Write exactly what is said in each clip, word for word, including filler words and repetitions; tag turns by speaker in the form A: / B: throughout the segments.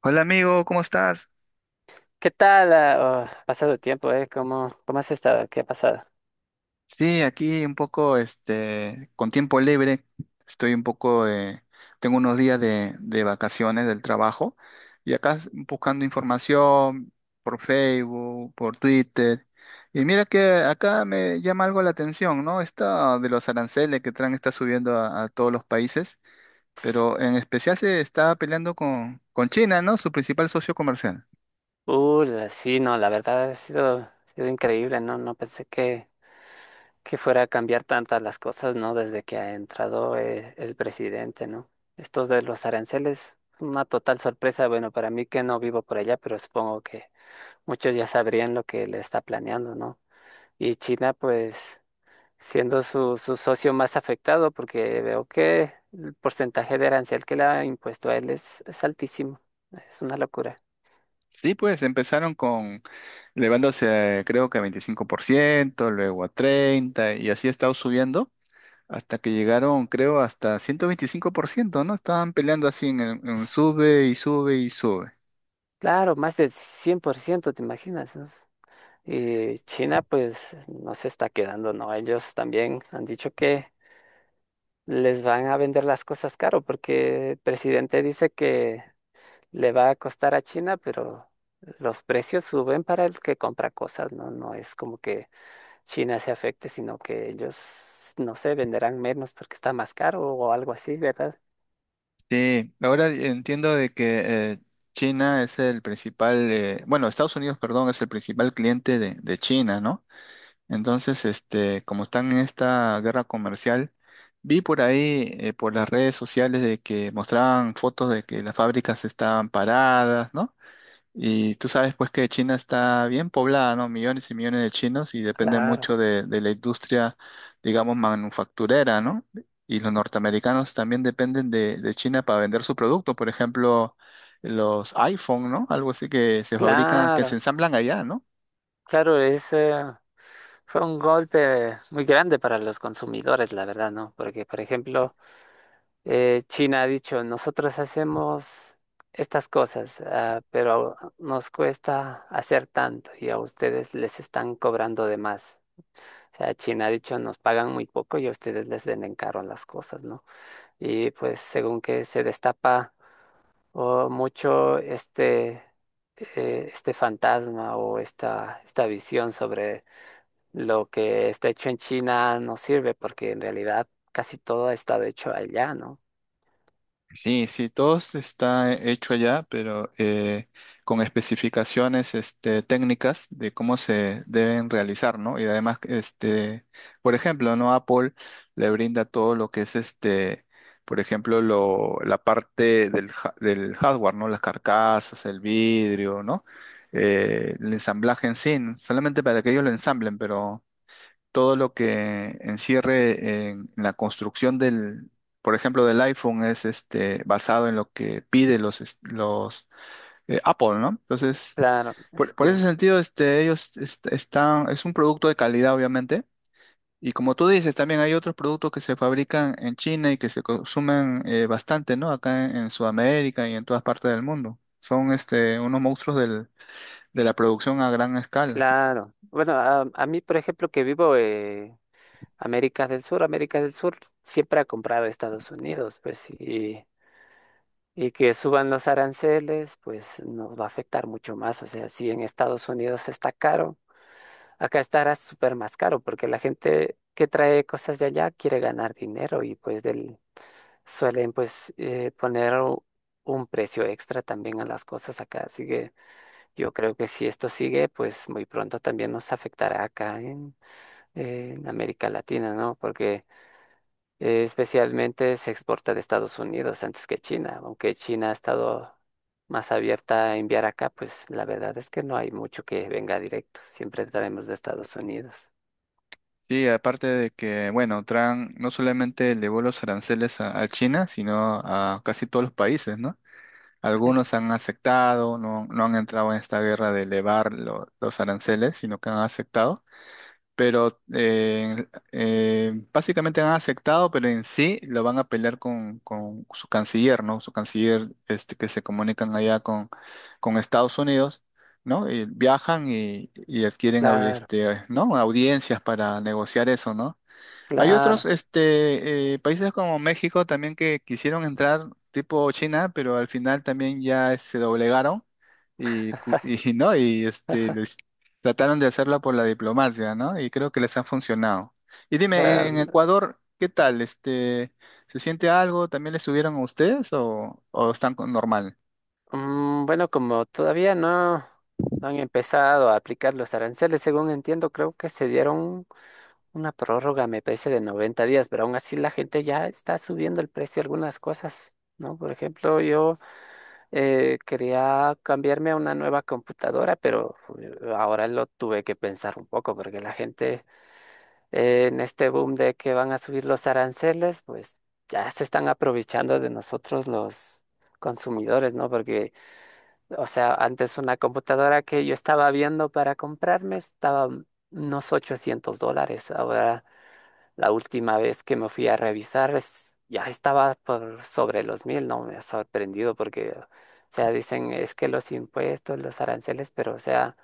A: Hola amigo, ¿cómo estás?
B: ¿Qué tal? Ah, oh, pasado el tiempo, ¿eh? ¿Cómo, cómo has estado? ¿Qué ha pasado?
A: Sí, aquí un poco, este, con tiempo libre, estoy un poco, eh, tengo unos días de, de vacaciones del trabajo y acá s- buscando información por Facebook, por Twitter. Y mira que acá me llama algo la atención, ¿no? Esta de los aranceles que Trump está subiendo a, a todos los países, pero en especial se está peleando con, con China, ¿no? Su principal socio comercial.
B: Uh, la- sí, no, la verdad ha sido, ha sido increíble, ¿no? No pensé que, que fuera a cambiar tantas las cosas, ¿no? Desde que ha entrado eh, el presidente, ¿no? Esto de los aranceles, una total sorpresa, bueno, para mí que no vivo por allá, pero supongo que muchos ya sabrían lo que le está planeando, ¿no? Y China, pues, siendo su, su socio más afectado, porque veo que el porcentaje de arancel que le ha impuesto a él es, es altísimo. Es una locura.
A: Sí, pues empezaron con elevándose a, creo que a veinticinco por ciento, luego a treinta por ciento y así ha estado subiendo hasta que llegaron, creo, hasta ciento veinticinco por ciento, ¿no? Estaban peleando así en, el- en sube y sube y sube.
B: Claro, más del cien por ciento, ¿te imaginas? ¿no? Y China, pues, no se está quedando, ¿no? Ellos también han dicho que les van a vender las cosas caro, porque el presidente dice que le va a costar a China, pero los precios suben para el que compra cosas, ¿no? No es como que China se afecte, sino que ellos, no sé, venderán menos porque está más caro o algo así, ¿verdad?
A: Sí, ahora entiendo de que eh, China es el principal, eh, bueno, Estados Unidos, perdón, es el principal cliente de, de China, ¿no? Entonces, este, como están en esta guerra comercial, vi por ahí, eh, por las redes sociales de que mostraban fotos de que las fábricas estaban paradas, ¿no? Y tú sabes pues que China está bien poblada, ¿no? Millones y millones de chinos y depende
B: Claro,
A: mucho de, de la industria, digamos, manufacturera, ¿no? Y los norteamericanos también dependen de, de China para vender su producto, por ejemplo, los iPhone, ¿no? Algo así que se fabrican, que se
B: claro,
A: ensamblan allá, ¿no?
B: claro, es, eh, fue un golpe muy grande para los consumidores, la verdad, ¿no? Porque, por ejemplo, eh, China ha dicho, nosotros hacemos estas cosas, ah, pero nos cuesta hacer tanto y a ustedes les están cobrando de más. O sea, China ha dicho, nos pagan muy poco y a ustedes les venden caro las cosas, ¿no? Y pues según que se destapa o mucho este, eh, este fantasma o esta, esta visión sobre lo que está hecho en China no sirve porque en realidad casi todo ha estado hecho allá, ¿no?
A: Sí, sí, todo está hecho allá, pero eh, con especificaciones este, técnicas de cómo se deben realizar, ¿no? Y además, este, por ejemplo, ¿no? Apple le brinda todo lo que es este, por ejemplo, lo, la parte del, ha- del hardware, ¿no? Las carcasas, el vidrio, ¿no? Eh, el ensamblaje en sí, solamente para que ellos lo ensamblen, pero todo lo que encierre en la construcción del, por ejemplo, del iPhone es este, basado en lo que pide los, es- los eh, Apple, ¿no? Entonces,
B: Claro, es
A: por, por ese
B: que,
A: sentido, este, ellos est- están, es un producto de calidad, obviamente. Y como tú dices, también hay otros productos que se fabrican en China y que se consumen eh, bastante, ¿no? Acá en, en Sudamérica y en todas partes del mundo. Son este, unos monstruos del- de la producción a gran escala.
B: claro. Bueno, a, a mí, por ejemplo, que vivo en América del Sur, América del Sur siempre ha comprado Estados Unidos, pues sí. Y que suban los aranceles, pues nos va a afectar mucho más. O sea, si en Estados Unidos está caro, acá estará súper más caro porque la gente que trae cosas de allá quiere ganar dinero y pues del, suelen pues eh, poner u- un precio extra también a las cosas acá. Así que yo creo que si esto sigue, pues muy pronto también nos afectará acá en, en América Latina, ¿no? Porque eh, especialmente se exporta de Estados Unidos antes que China, aunque China ha estado más abierta a enviar acá, pues la verdad es que no hay mucho que venga directo, siempre traemos de Estados Unidos.
A: Sí, aparte de que, bueno, Trump no solamente elevó los aranceles a, a China, sino a casi todos los países, ¿no?
B: Es
A: Algunos han aceptado, no, no han entrado en esta guerra de elevar lo- los aranceles, sino que han aceptado, pero eh, eh, básicamente han aceptado, pero en sí lo van a pelear con, con su canciller, ¿no? Su canciller, este, que se comunican allá con, con Estados Unidos. ¿No? Y viajan y, y adquieren au-
B: claro.
A: este, ¿no? audiencias para negociar eso, ¿no? Hay otros
B: Claro,
A: este, eh, países como México también que quisieron entrar tipo China, pero al final también ya se doblegaron y, cu- y no, y este, les trataron de hacerla por la diplomacia, ¿no? Y creo que les ha funcionado. Y dime, en
B: claro.
A: Ecuador, ¿qué tal? Este, ¿se siente algo? ¿También les subieron a ustedes o, o están con normal?
B: Mm, bueno, como todavía no, no han empezado a aplicar los aranceles, según entiendo, creo que se dieron una prórroga, me parece, de noventa días, pero aún así la gente ya está subiendo el precio de algunas cosas, ¿no? Por ejemplo, yo Eh, quería cambiarme a una nueva computadora, pero eh, ahora lo tuve que pensar un poco porque la gente, eh, en este boom de que van a subir los aranceles, pues ya se están aprovechando de nosotros los consumidores, ¿no? Porque, o sea, antes una computadora que yo estaba viendo para comprarme estaba, mm, unos ochocientos dólares, ahora la última vez que me fui a revisar es- ya estaba por sobre los mil, ¿no? Me ha sorprendido porque, o sea, dicen es que los impuestos, los aranceles, pero, o sea,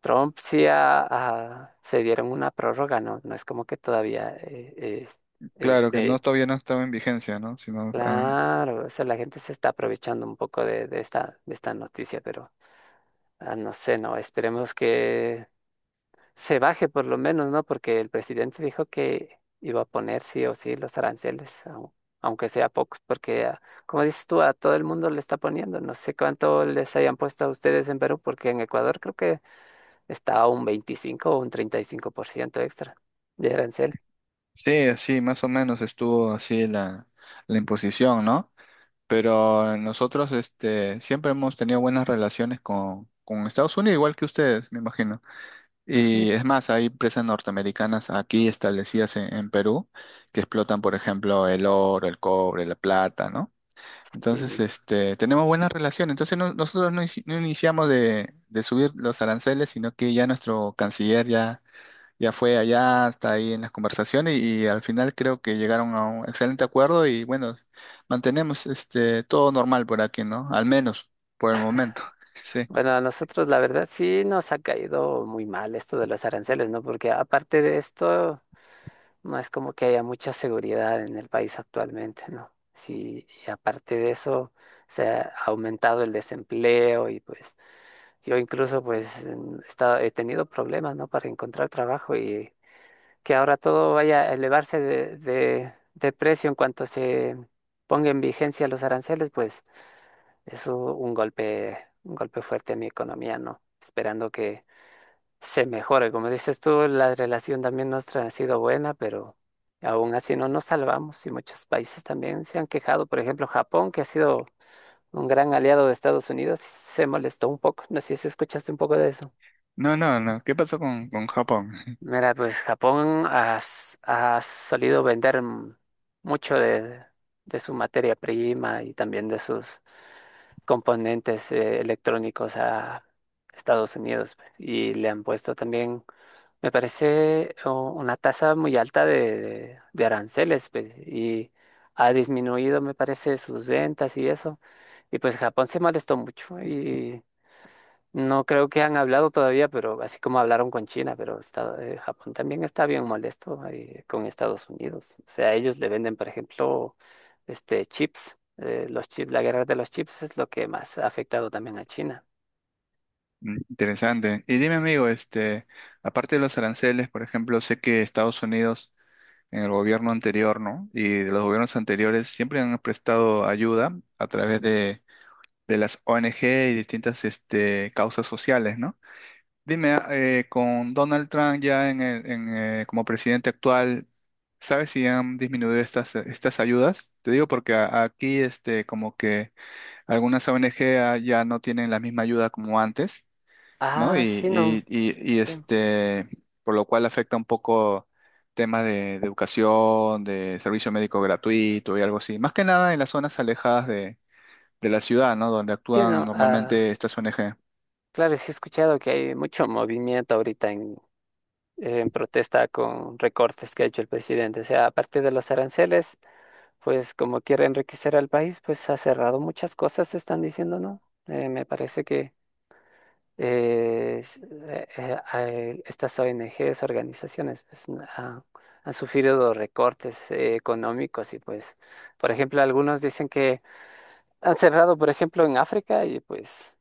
B: Trump sí ha- ha- se dieron una prórroga, ¿no? No es como que todavía, eh, es-
A: Claro que no,
B: este,
A: todavía no estaba en vigencia, ¿no? Sino, ah,
B: claro, o sea, la gente se está aprovechando un poco de, de esta, de esta noticia, pero ah, no sé, ¿no? Esperemos que se baje por lo menos, ¿no? Porque el presidente dijo que iba a poner sí o sí los aranceles, au- aunque sea pocos, porque ah, como dices tú, a todo el mundo le está poniendo, no sé cuánto les hayan puesto a ustedes en Perú, porque en Ecuador creo que está a un veinticinco o un treinta y cinco por ciento extra de arancel.
A: sí, sí, más o menos estuvo así la, la imposición, ¿no? Pero nosotros este, siempre hemos tenido buenas relaciones con, con Estados Unidos, igual que ustedes, me imagino.
B: Ujú.
A: Y es más, hay empresas norteamericanas aquí establecidas en, en Perú que explotan, por ejemplo, el oro, el cobre, la plata, ¿no? Entonces,
B: Sí.
A: este, tenemos buenas relaciones. Entonces, no- nosotros no, inici- no iniciamos de, de subir los aranceles, sino que ya nuestro canciller ya ya fue allá, hasta ahí en las conversaciones y al final creo que llegaron a un excelente acuerdo y bueno, mantenemos este todo normal por aquí, ¿no? Al menos por el momento. Sí.
B: Bueno, a nosotros la verdad sí nos ha caído muy mal esto de los aranceles, ¿no? Porque aparte de esto, no es como que haya mucha seguridad en el país actualmente, ¿no? Sí, y aparte de eso, se ha aumentado el desempleo y pues yo incluso pues en- he estado- he tenido problemas, ¿no? Para encontrar trabajo y que ahora todo vaya a elevarse de, de, de precio en cuanto se ponga en vigencia los aranceles, pues es u- un golpe, un golpe fuerte a mi economía, ¿no? Esperando que se mejore. Como dices tú, la relación también nuestra ha sido buena, pero aún así no nos salvamos y muchos países también se han quejado. Por ejemplo, Japón, que ha sido un gran aliado de Estados Unidos, se molestó un poco. No sé si escuchaste un poco de eso.
A: No, no, no. ¿Qué pasó con, con Japón?
B: Mira, pues Japón ha, s- ha solido vender m- mucho de, de su materia prima y también de sus componentes, eh, electrónicos a Estados Unidos, pues. Y le han puesto también, me parece, oh, una tasa muy alta de, de- de aranceles, pues, y ha disminuido, me parece, sus ventas y eso. Y pues Japón se molestó mucho y no creo que han hablado todavía, pero así como hablaron con China, pero está- eh, Japón también está bien molesto, eh, con Estados Unidos. O sea, ellos le venden, por ejemplo, este chips, eh, los chips, la guerra de los chips es lo que más ha afectado también a China.
A: Mm, interesante. Y dime, amigo, este, aparte de los aranceles, por ejemplo, sé que Estados Unidos en el gobierno anterior, ¿no? Y de los gobiernos anteriores siempre han prestado ayuda a través de, de las O N G y distintas, este, causas sociales, ¿no? Dime, ah, eh, con Donald Trump ya en el- en, eh, como presidente actual, ¿sabes si han disminuido estas, estas ayudas? Te digo porque a- aquí este, como que algunas O N G a- ya no tienen la misma ayuda como antes, ¿no?
B: Ah,
A: Y,
B: sí, no.
A: y- y- y,
B: Sí,
A: este, por lo cual afecta un poco temas de, de educación, de servicio médico gratuito y algo así. Más que nada en las zonas alejadas de, de la ciudad, ¿no? Donde
B: sí,
A: actúan
B: no.
A: normalmente estas O N G.
B: Claro, sí he escuchado que hay mucho movimiento ahorita en, en protesta con recortes que ha hecho el presidente. O sea, aparte de los aranceles, pues como quiere enriquecer al país, pues ha cerrado muchas cosas, están diciendo, ¿no? Eh, me parece que eh, s- eh, eh, eh, estas O N Gs, organizaciones, pues n- han, han sufrido recortes eh, económicos y pues, por ejemplo, algunos dicen que han cerrado, por ejemplo, en África y pues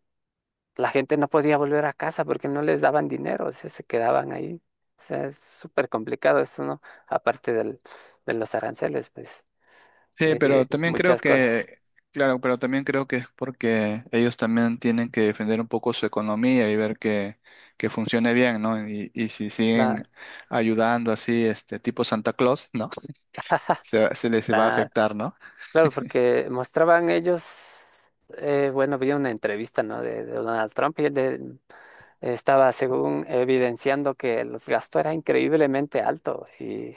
B: la gente no podía volver a casa porque no les daban dinero, o sea, se quedaban ahí. O sea, es súper complicado esto, ¿no? Aparte del, de los aranceles, pues,
A: Sí,
B: eh,
A: pero también creo
B: muchas cosas.
A: que, claro, pero también creo que es porque ellos también tienen que defender un poco su economía y ver que, que funcione bien, ¿no? Y, y si
B: La-
A: siguen ayudando así, este tipo Santa Claus, ¿no? Se, se les va a
B: la-
A: afectar, ¿no?
B: claro, porque mostraban ellos, eh, bueno, había una entrevista, ¿no? De, de Donald Trump y él de- estaba, según, evidenciando que el gasto era increíblemente alto y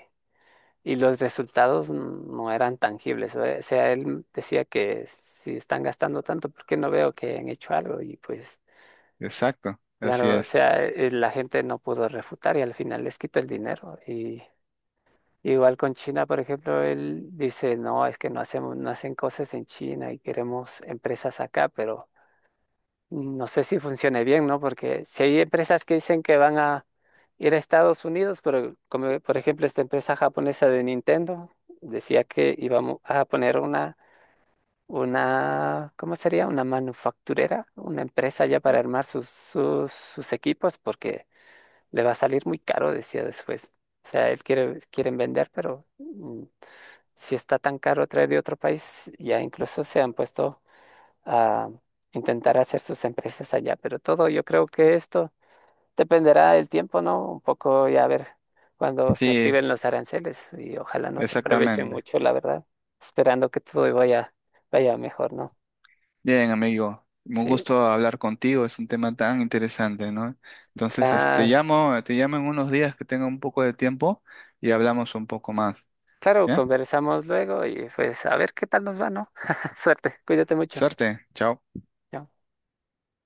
B: y los resultados no eran tangibles. O sea, él decía que si están gastando tanto, ¿por qué no veo que han hecho algo? Y pues,
A: Exacto, así
B: claro, o
A: es.
B: sea, eh, la gente no pudo refutar y al final les quitó el dinero. Y igual con China, por ejemplo, él dice, no, es que no hacemos, no hacen cosas en China y queremos empresas acá, pero no sé si funcione bien, ¿no? Porque si hay empresas que dicen que van a ir a Estados Unidos, pero como por ejemplo esta empresa japonesa de Nintendo decía que íbamos a poner una, una, ¿cómo sería? Una manufacturera, una empresa ya para armar sus, sus, sus equipos, porque le va a salir muy caro, decía después. O sea, él quiere, quieren vender, pero mm, si está tan caro traer de otro país, ya incluso se han puesto a intentar hacer sus empresas allá. Pero todo yo creo que esto dependerá del tiempo, ¿no? Un poco ya a ver cuando se
A: Sí,
B: activen los aranceles y ojalá no se aprovechen
A: exactamente.
B: mucho, la verdad, esperando que todo vaya, vaya mejor, ¿no?
A: Bien, amigo, un
B: Sí,
A: gusto hablar contigo, es un tema tan interesante, ¿no? Entonces, este, te
B: claro.
A: llamo, te llamo en unos días que tenga un poco de tiempo y hablamos un poco más.
B: Claro,
A: Bien,
B: conversamos luego y pues a ver qué tal nos va, ¿no? Suerte, cuídate mucho.
A: suerte, chao.
B: Chao.